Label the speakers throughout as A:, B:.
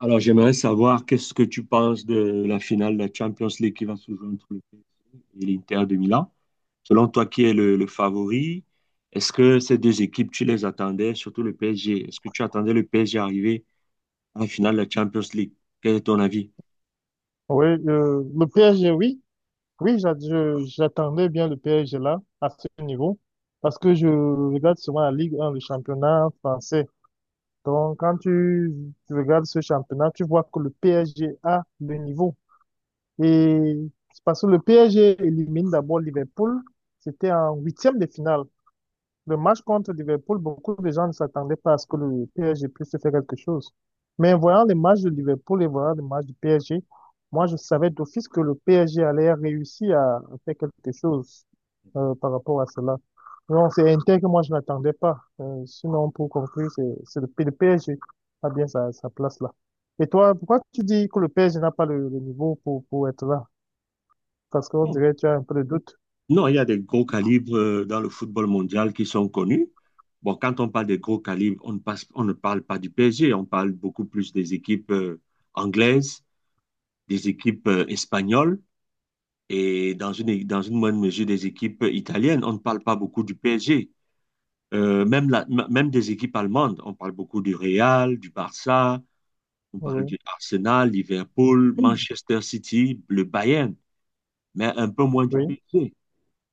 A: Alors, j'aimerais savoir qu'est-ce que tu penses de la finale de la Champions League qui va se jouer entre le PSG et l'Inter de Milan. Selon toi, qui est le favori? Est-ce que ces deux équipes, tu les attendais, surtout le PSG? Est-ce que tu attendais le PSG arriver à la finale de la Champions League? Quel est ton avis?
B: Oui, le PSG, oui. Oui, j'attendais bien le PSG là, à ce niveau, parce que je regarde souvent la Ligue 1, le championnat français. Donc, quand tu regardes ce championnat, tu vois que le PSG a le niveau. Et c'est parce que le PSG élimine d'abord Liverpool, c'était en huitième de finale. Le match contre Liverpool, beaucoup de gens ne s'attendaient pas à ce que le PSG puisse faire quelque chose. Mais en voyant les matchs de Liverpool et voyant les matchs du PSG, moi, je savais d'office que le PSG allait réussir à faire quelque chose par rapport à cela. Donc, c'est Inter que moi, je n'attendais pas. Sinon, pour conclure, c'est le PSG a bien sa place là. Et toi, pourquoi tu dis que le PSG n'a pas le niveau pour être là? Parce qu'on
A: Bon,
B: dirait que tu as un peu de doute.
A: non, il y a des gros calibres dans le football mondial qui sont connus. Bon, quand on parle des gros calibres, on ne parle pas du PSG, on parle beaucoup plus des équipes anglaises, des équipes espagnoles, et dans une moindre mesure des équipes italiennes. On ne parle pas beaucoup du PSG. Euh, même, la- Même des équipes allemandes, on parle beaucoup du Real, du Barça, on parle
B: Oui,
A: du Arsenal, Liverpool,
B: oui,
A: Manchester City, le Bayern, mais un peu moins du
B: oui,
A: PSG.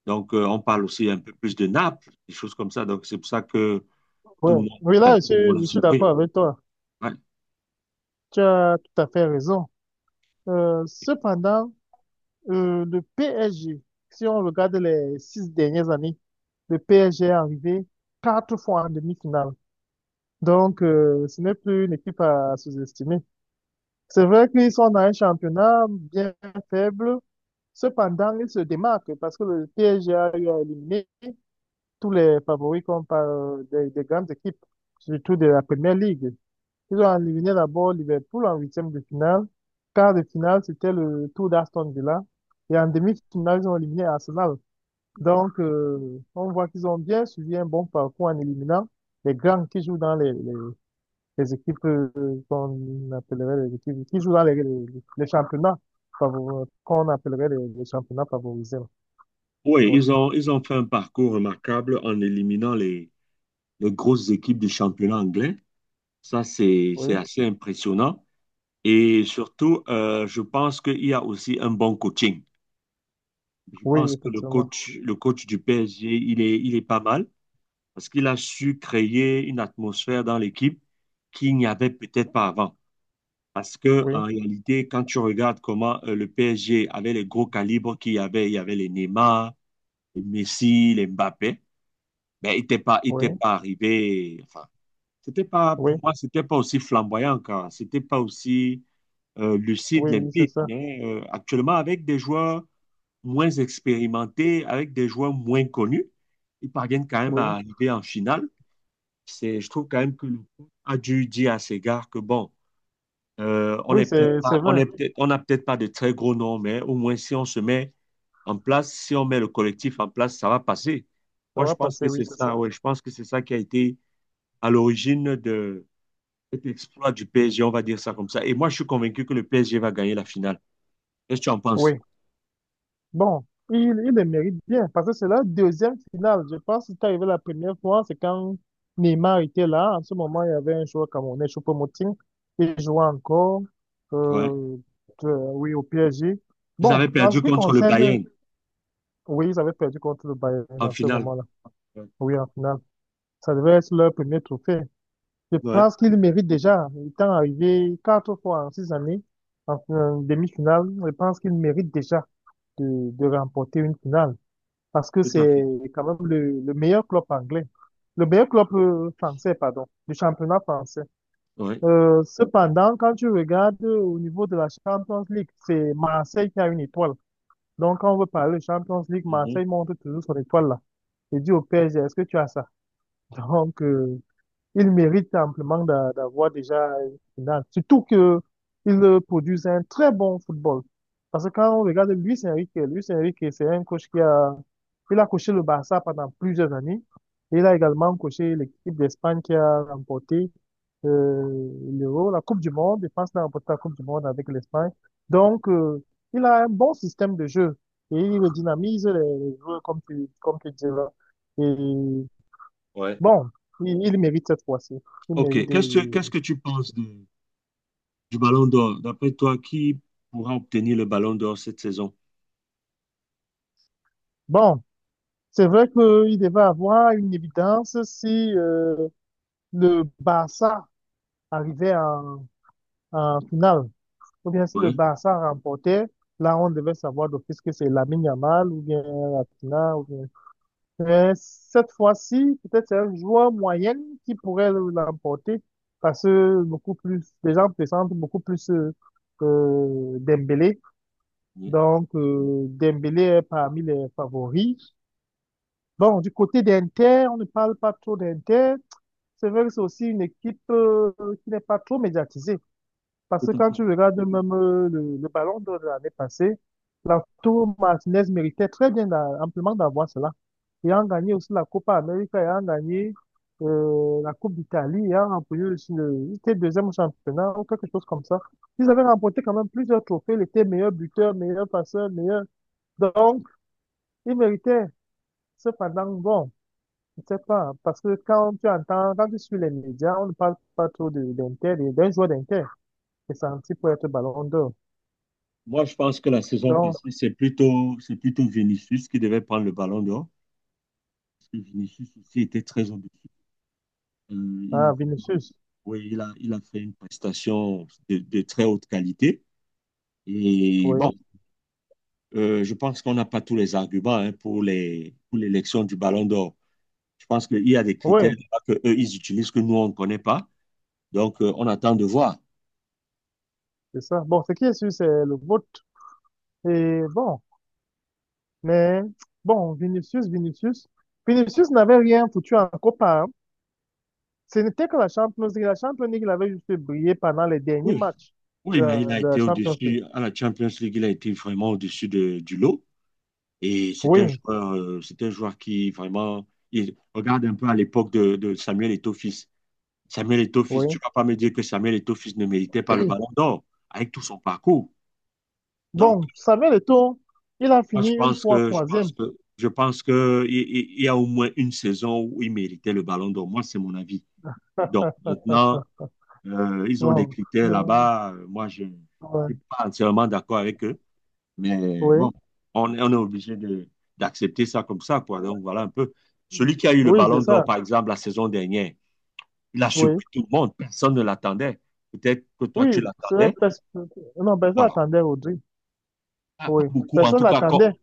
A: Donc, on parle aussi un peu plus de Naples, des choses comme ça. Donc, c'est pour ça que tout
B: ouais.
A: le monde,
B: Oui, là,
A: enfin,
B: je
A: tout le monde
B: suis,
A: est
B: je suis
A: surpris.
B: d'accord avec toi.
A: Ouais.
B: Tu as tout à fait raison. Cependant, le PSG, si on regarde les 6 dernières années, le PSG est arrivé quatre fois en demi-finale. Donc, ce n'est plus une équipe à sous-estimer. C'est vrai qu'ils sont dans un championnat bien faible. Cependant, ils se démarquent parce que le PSG a eu à éliminer tous les favoris comme par des grandes équipes, surtout de la Première Ligue. Ils ont éliminé d'abord Liverpool en huitième de finale. Quart de finale, c'était le tour d'Aston Villa. Et en demi-finale, ils ont éliminé Arsenal. Donc, on voit qu'ils ont bien suivi un bon parcours en éliminant les grands qui jouent dans les équipes, qu'on appellerait les équipes qui jouent dans les championnats qu'on appellerait les championnats favorisés.
A: Oui,
B: Ouais.
A: ils ont fait un parcours remarquable en éliminant les grosses équipes du championnat anglais. Ça, c'est
B: Oui,
A: assez impressionnant. Et surtout, je pense qu'il y a aussi un bon coaching. Je
B: oui,
A: pense que
B: effectivement.
A: le coach du PSG, il est pas mal parce qu'il a su créer une atmosphère dans l'équipe qu'il n'y avait peut-être pas avant. Parce que
B: Oui,
A: en réalité, quand tu regardes comment le PSG avait les gros calibres qu'il y avait, il y avait les Neymar, les Messi, les Mbappé, ben, il était
B: oui,
A: pas arrivé. Enfin, c'était pas,
B: oui,
A: pour moi, c'était pas aussi flamboyant encore. C'était pas aussi lucide,
B: oui, oui, c'est
A: limpide.
B: ça.
A: Mais actuellement, avec des joueurs moins expérimentés, avec des joueurs moins connus, ils parviennent quand même à
B: Oui,
A: arriver en finale. C'est, je trouve quand même que le coach a dû dire à ses gars que bon, on
B: oui,
A: est peut-être
B: c'est,
A: pas,
B: c'est vrai.
A: on n'a peut-être pas de très gros noms, mais au moins si on se met en place, si on met le collectif en place, ça va passer.
B: Ça
A: Moi, je
B: va
A: pense que
B: passer, oui,
A: c'est
B: c'est ça.
A: ça, ouais, je pense que c'est ça qui a été à l'origine de cet exploit du PSG, on va dire ça comme ça. Et moi, je suis convaincu que le PSG va gagner la finale. Qu'est-ce que tu en penses?
B: Oui. Bon, il, il le mérite bien parce que c'est la deuxième finale. Je pense que c'est arrivé la première fois, c'est quand Neymar était là. En ce moment, il y avait un joueur camerounais, Choupo-Moting. Il jouait encore,
A: Ouais.
B: euh, oui, au PSG.
A: Ils
B: Bon,
A: avaient
B: en
A: perdu
B: ce qui
A: contre le
B: concerne,
A: Bayern
B: oui, ils avaient perdu contre le Bayern
A: en
B: en ce
A: finale.
B: moment-là.
A: Ouais.
B: Oui, en finale. Ça devait être leur premier trophée. Je
A: Ouais,
B: pense qu'il mérite déjà, étant arrivé quatre fois en 6 années en demi-finale, je pense qu'il mérite déjà de remporter une finale parce que
A: tout à
B: c'est
A: fait.
B: quand même le meilleur club anglais, le meilleur club français, pardon, du championnat français.
A: Ouais.
B: Cependant, quand tu regardes au niveau de la Champions League, c'est Marseille qui a une étoile. Donc, quand on veut parler de Champions League,
A: Mhm.
B: Marseille montre toujours son étoile là. Et dit au PSG, est-ce que tu as ça? Donc, il mérite amplement d'avoir déjà une finale. Surtout que il produit un très bon football. Parce que quand on regarde Luis Enrique, Luis Enrique, c'est un coach il a coaché le Barça pendant plusieurs années. Et il a également coaché l'équipe d'Espagne qui a remporté, l'Euro, la Coupe du Monde. Je pense qu'il a remporté la Coupe du Monde avec l'Espagne. Donc, il a un bon système de jeu et il dynamise les joueurs, comme tu dis là. Et
A: Ouais.
B: bon, il mérite cette fois-ci. Il mérite
A: OK.
B: de...
A: Qu'est-ce que tu penses du Ballon d'Or? D'après toi, qui pourra obtenir le Ballon d'Or cette saison?
B: Bon, c'est vrai qu'il devait avoir une évidence si, le Barça arrivait en finale. Ou bien si le
A: Ouais.
B: Barça remportait, là on devait savoir d'office que c'est Lamine Yamal ou bien Rafinha. Ou bien... Mais cette fois-ci, peut-être c'est un joueur moyen qui pourrait l'emporter parce que beaucoup plus, les gens pressentent beaucoup plus, Dembélé.
A: Ouais,
B: Donc, Dembélé est parmi les favoris. Bon, du côté d'Inter, on ne parle pas trop d'Inter. C'est vrai que c'est aussi une équipe qui n'est pas trop médiatisée. Parce
A: tout
B: que
A: à
B: quand tu
A: fait.
B: regardes même, le ballon d'or de l'année passée, Lautaro Martinez méritait très bien amplement d'avoir cela. Ayant gagné aussi la Copa América, ayant gagné, la Coupe d'Italie, ayant remporté aussi il était deuxième au championnat ou quelque chose comme ça. Ils avaient remporté quand même plusieurs trophées. Il était meilleur buteur, meilleur passeur, meilleur. Donc, il méritait. Cependant, bon, je ne sais pas, parce que quand tu entends, quand tu suis les médias, on ne parle pas trop d'Inter, de d'un joueur d'Inter qui est senti pour être ballon d'or.
A: Moi, je pense que la saison
B: Donc,
A: passée, c'est plutôt Vinicius qui devait prendre le Ballon d'Or. Parce que Vinicius aussi était très ambitieux. Euh, il a,
B: ah, Vinicius,
A: oui, il a fait une prestation de très haute qualité. Et bon,
B: oui,
A: Je pense qu'on n'a pas tous les arguments hein, pour pour l'élection du Ballon d'Or. Je pense qu'il y a des critères
B: oui,
A: que eux, ils utilisent que nous, on ne connaît pas. Donc, on attend de voir.
B: c'est ça. Bon, ce qui est sûr, c'est le vote. Et bon, mais bon, Vinicius n'avait rien foutu en Copa, hein. Ce n'était que la Champions League. La Champions League, il avait juste brillé pendant les derniers
A: Oui,
B: matchs
A: oui,
B: de,
A: mais il a
B: de la
A: été
B: Champions League.
A: au-dessus, à la Champions League, il a été vraiment au-dessus du lot. Et
B: Oui,
A: c'est un joueur qui vraiment, il regarde un peu à l'époque de Samuel Eto'o. Samuel Eto'o-Fils,
B: oui.
A: tu ne vas pas me dire que Samuel Eto'o-Fils ne méritait pas le ballon d'or avec tout son parcours. Donc,
B: Bon, Samuel Eto'o, il a
A: moi, je
B: fini une
A: pense
B: fois
A: que je pense
B: troisième.
A: que je pense que il y a au moins une saison où il méritait le ballon d'or. Moi, c'est mon avis. Donc maintenant, ils ont des
B: Bon,
A: critères
B: euh,
A: là-bas. Moi, je ne
B: ouais,
A: suis pas entièrement d'accord avec eux. Mais bon,
B: oui,
A: on est obligé d'accepter ça comme ça, quoi. Donc voilà un peu. Celui qui a eu le
B: oui, c'est
A: ballon d'or,
B: ça.
A: par exemple, la saison dernière, il a
B: Oui,
A: surpris tout le monde. Personne ne l'attendait. Peut-être que toi, tu
B: oui,
A: l'attendais.
B: non, personne
A: Voilà,
B: attendait Audrey.
A: pas
B: Oui,
A: beaucoup. En
B: personne
A: tout cas,
B: l'attendait.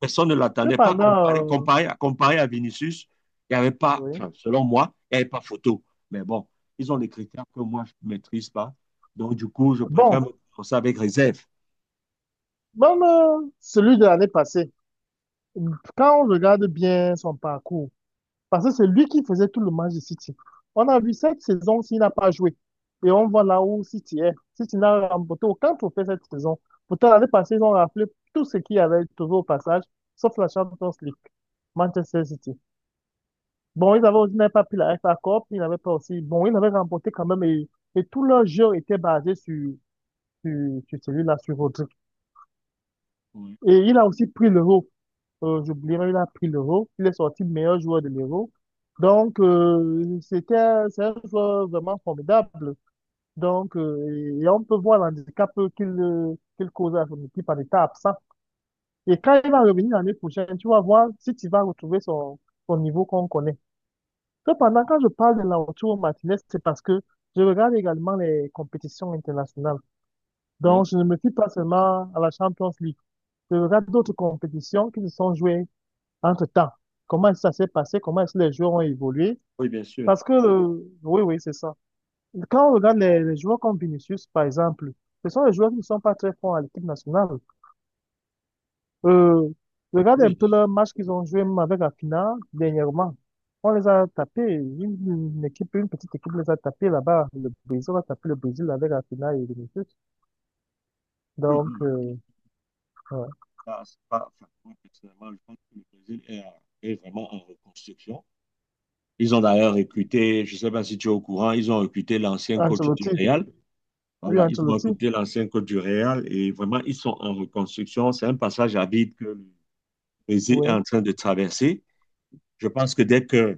A: personne ne l'attendait pas. Comparé,
B: Cependant,
A: comparé, comparé à Vinicius, il n'y avait pas,
B: oui.
A: enfin, selon moi, il n'y avait pas photo. Mais bon, ils ont des critères que moi, je ne maîtrise pas. Donc, du coup, je préfère
B: Bon,
A: me prononcer avec réserve.
B: même, celui de l'année passée, quand on regarde bien son parcours. Parce que c'est lui qui faisait tout le match de City. On a vu cette saison s'il n'a pas joué. Et on voit là où City est. City n'a remporté aucun trophée cette saison. Pourtant, l'année passée, ils ont rappelé tout ce qu'il y avait toujours au passage, sauf la Champions League, Manchester City. Bon, ils avaient aussi n'avaient pas pris la FA Cup, ils n'avaient pas aussi. Bon, ils avaient remporté quand même, et tout leur jeu était basé sur, sur celui-là, sur Rodri.
A: Oui,
B: Et il a aussi pris l'euro. J'oubliais même, il a pris l'Euro. Il est sorti meilleur joueur de l'Euro. Donc, c'est un joueur vraiment formidable. Donc, et on peut voir l'handicap qu'il cause à son équipe en état absent. Et quand il va revenir l'année prochaine, tu vas voir si tu vas retrouver son niveau qu'on connaît. Cependant, quand je parle de Lautaro Martinez, c'est parce que je regarde également les compétitions internationales.
A: oui,
B: Donc, je ne me fie pas seulement à la Champions League. Je regarde d'autres compétitions qui se sont jouées entre-temps. Comment ça s'est passé? Comment est-ce que les joueurs ont évolué?
A: oui, bien sûr.
B: Parce que, oui, oui, c'est ça. Quand on regarde les joueurs comme Vinicius, par exemple, ce sont les joueurs qui ne sont pas très forts à l'équipe nationale. Euh, Regarde un
A: Oui,
B: peu le match qu'ils ont joué même avec la finale dernièrement. On les a tapés. Une petite équipe les a tapés là-bas. Le Brésil a tapé le Brésil avec la finale et Vinicius.
A: oui,
B: Donc,
A: oui.
B: ouais.
A: Là, c'est pas, enfin, moi, personnellement, je pense que le Brésil est vraiment en reconstruction. Ils ont d'ailleurs recruté, je ne sais pas si tu es au courant, ils ont recruté l'ancien coach du
B: Ancelotti.
A: Real.
B: Oui,
A: Voilà, ils ont
B: Ancelotti.
A: recruté l'ancien coach du Real et vraiment, ils sont en reconstruction. C'est un passage à vide que le Brésil est en
B: Oui.
A: train de traverser. Je pense que dès que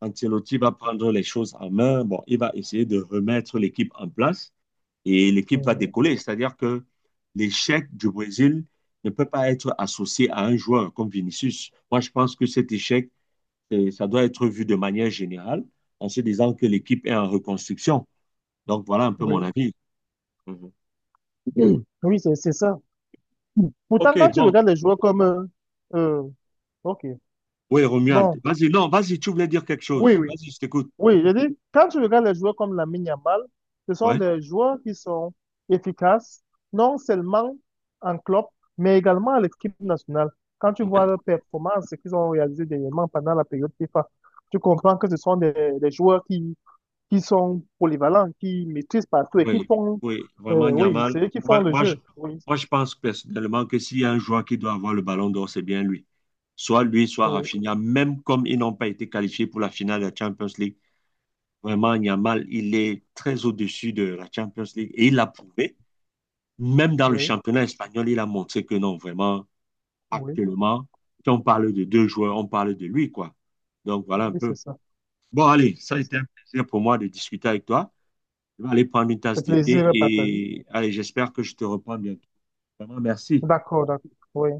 A: Ancelotti va prendre les choses en main, bon, il va essayer de remettre l'équipe en place et l'équipe va
B: Mhm.
A: décoller. C'est-à-dire que l'échec du Brésil ne peut pas être associé à un joueur comme Vinicius. Moi, je pense que cet échec, ça doit être vu de manière générale en se disant que l'équipe est en reconstruction. Donc, voilà un peu mon
B: Oui.
A: avis. Mhm.
B: Oui, c'est ça. Pourtant,
A: OK,
B: quand tu
A: bon.
B: regardes les joueurs comme... euh, ok,
A: Oui, Romuald.
B: bon,
A: Vas-y, non, vas-y, tu voulais dire quelque
B: oui,
A: chose.
B: oui,
A: Vas-y, je t'écoute.
B: oui, je dis, quand tu regardes les joueurs comme Lamine Yamal, ce sont
A: Ouais.
B: des joueurs qui sont efficaces, non seulement en club, mais également à l'équipe nationale. Quand tu vois leurs performances, ce qu'ils ont réalisé dernièrement pendant la période FIFA, tu comprends que ce sont des joueurs qui sont polyvalents, qui maîtrisent partout et qui
A: Oui,
B: font...
A: oui, vraiment,
B: oui,
A: Yamal.
B: c'est eux qui font
A: Moi,
B: le
A: moi, je,
B: jeu. Oui,
A: moi, je pense personnellement que s'il y a un joueur qui doit avoir le ballon d'or, c'est bien lui. Soit lui, soit
B: oui,
A: Rafinha, même comme ils n'ont pas été qualifiés pour la finale de la Champions League. Vraiment, Yamal, il est très au-dessus de la Champions League et il l'a prouvé. Même dans le
B: oui,
A: championnat espagnol, il a montré que non, vraiment,
B: oui,
A: actuellement, si on parle de deux joueurs, on parle de lui, quoi. Donc, voilà un
B: oui, c'est
A: peu.
B: ça,
A: Bon, allez, ça a
B: c'est
A: été
B: ça.
A: un plaisir pour moi de discuter avec toi. Je vais aller prendre une tasse
B: Le
A: d'été
B: plaisir est partagé.
A: et allez, j'espère que je te reprends bientôt. Vraiment, merci.
B: D'accord, d'accord. Oui.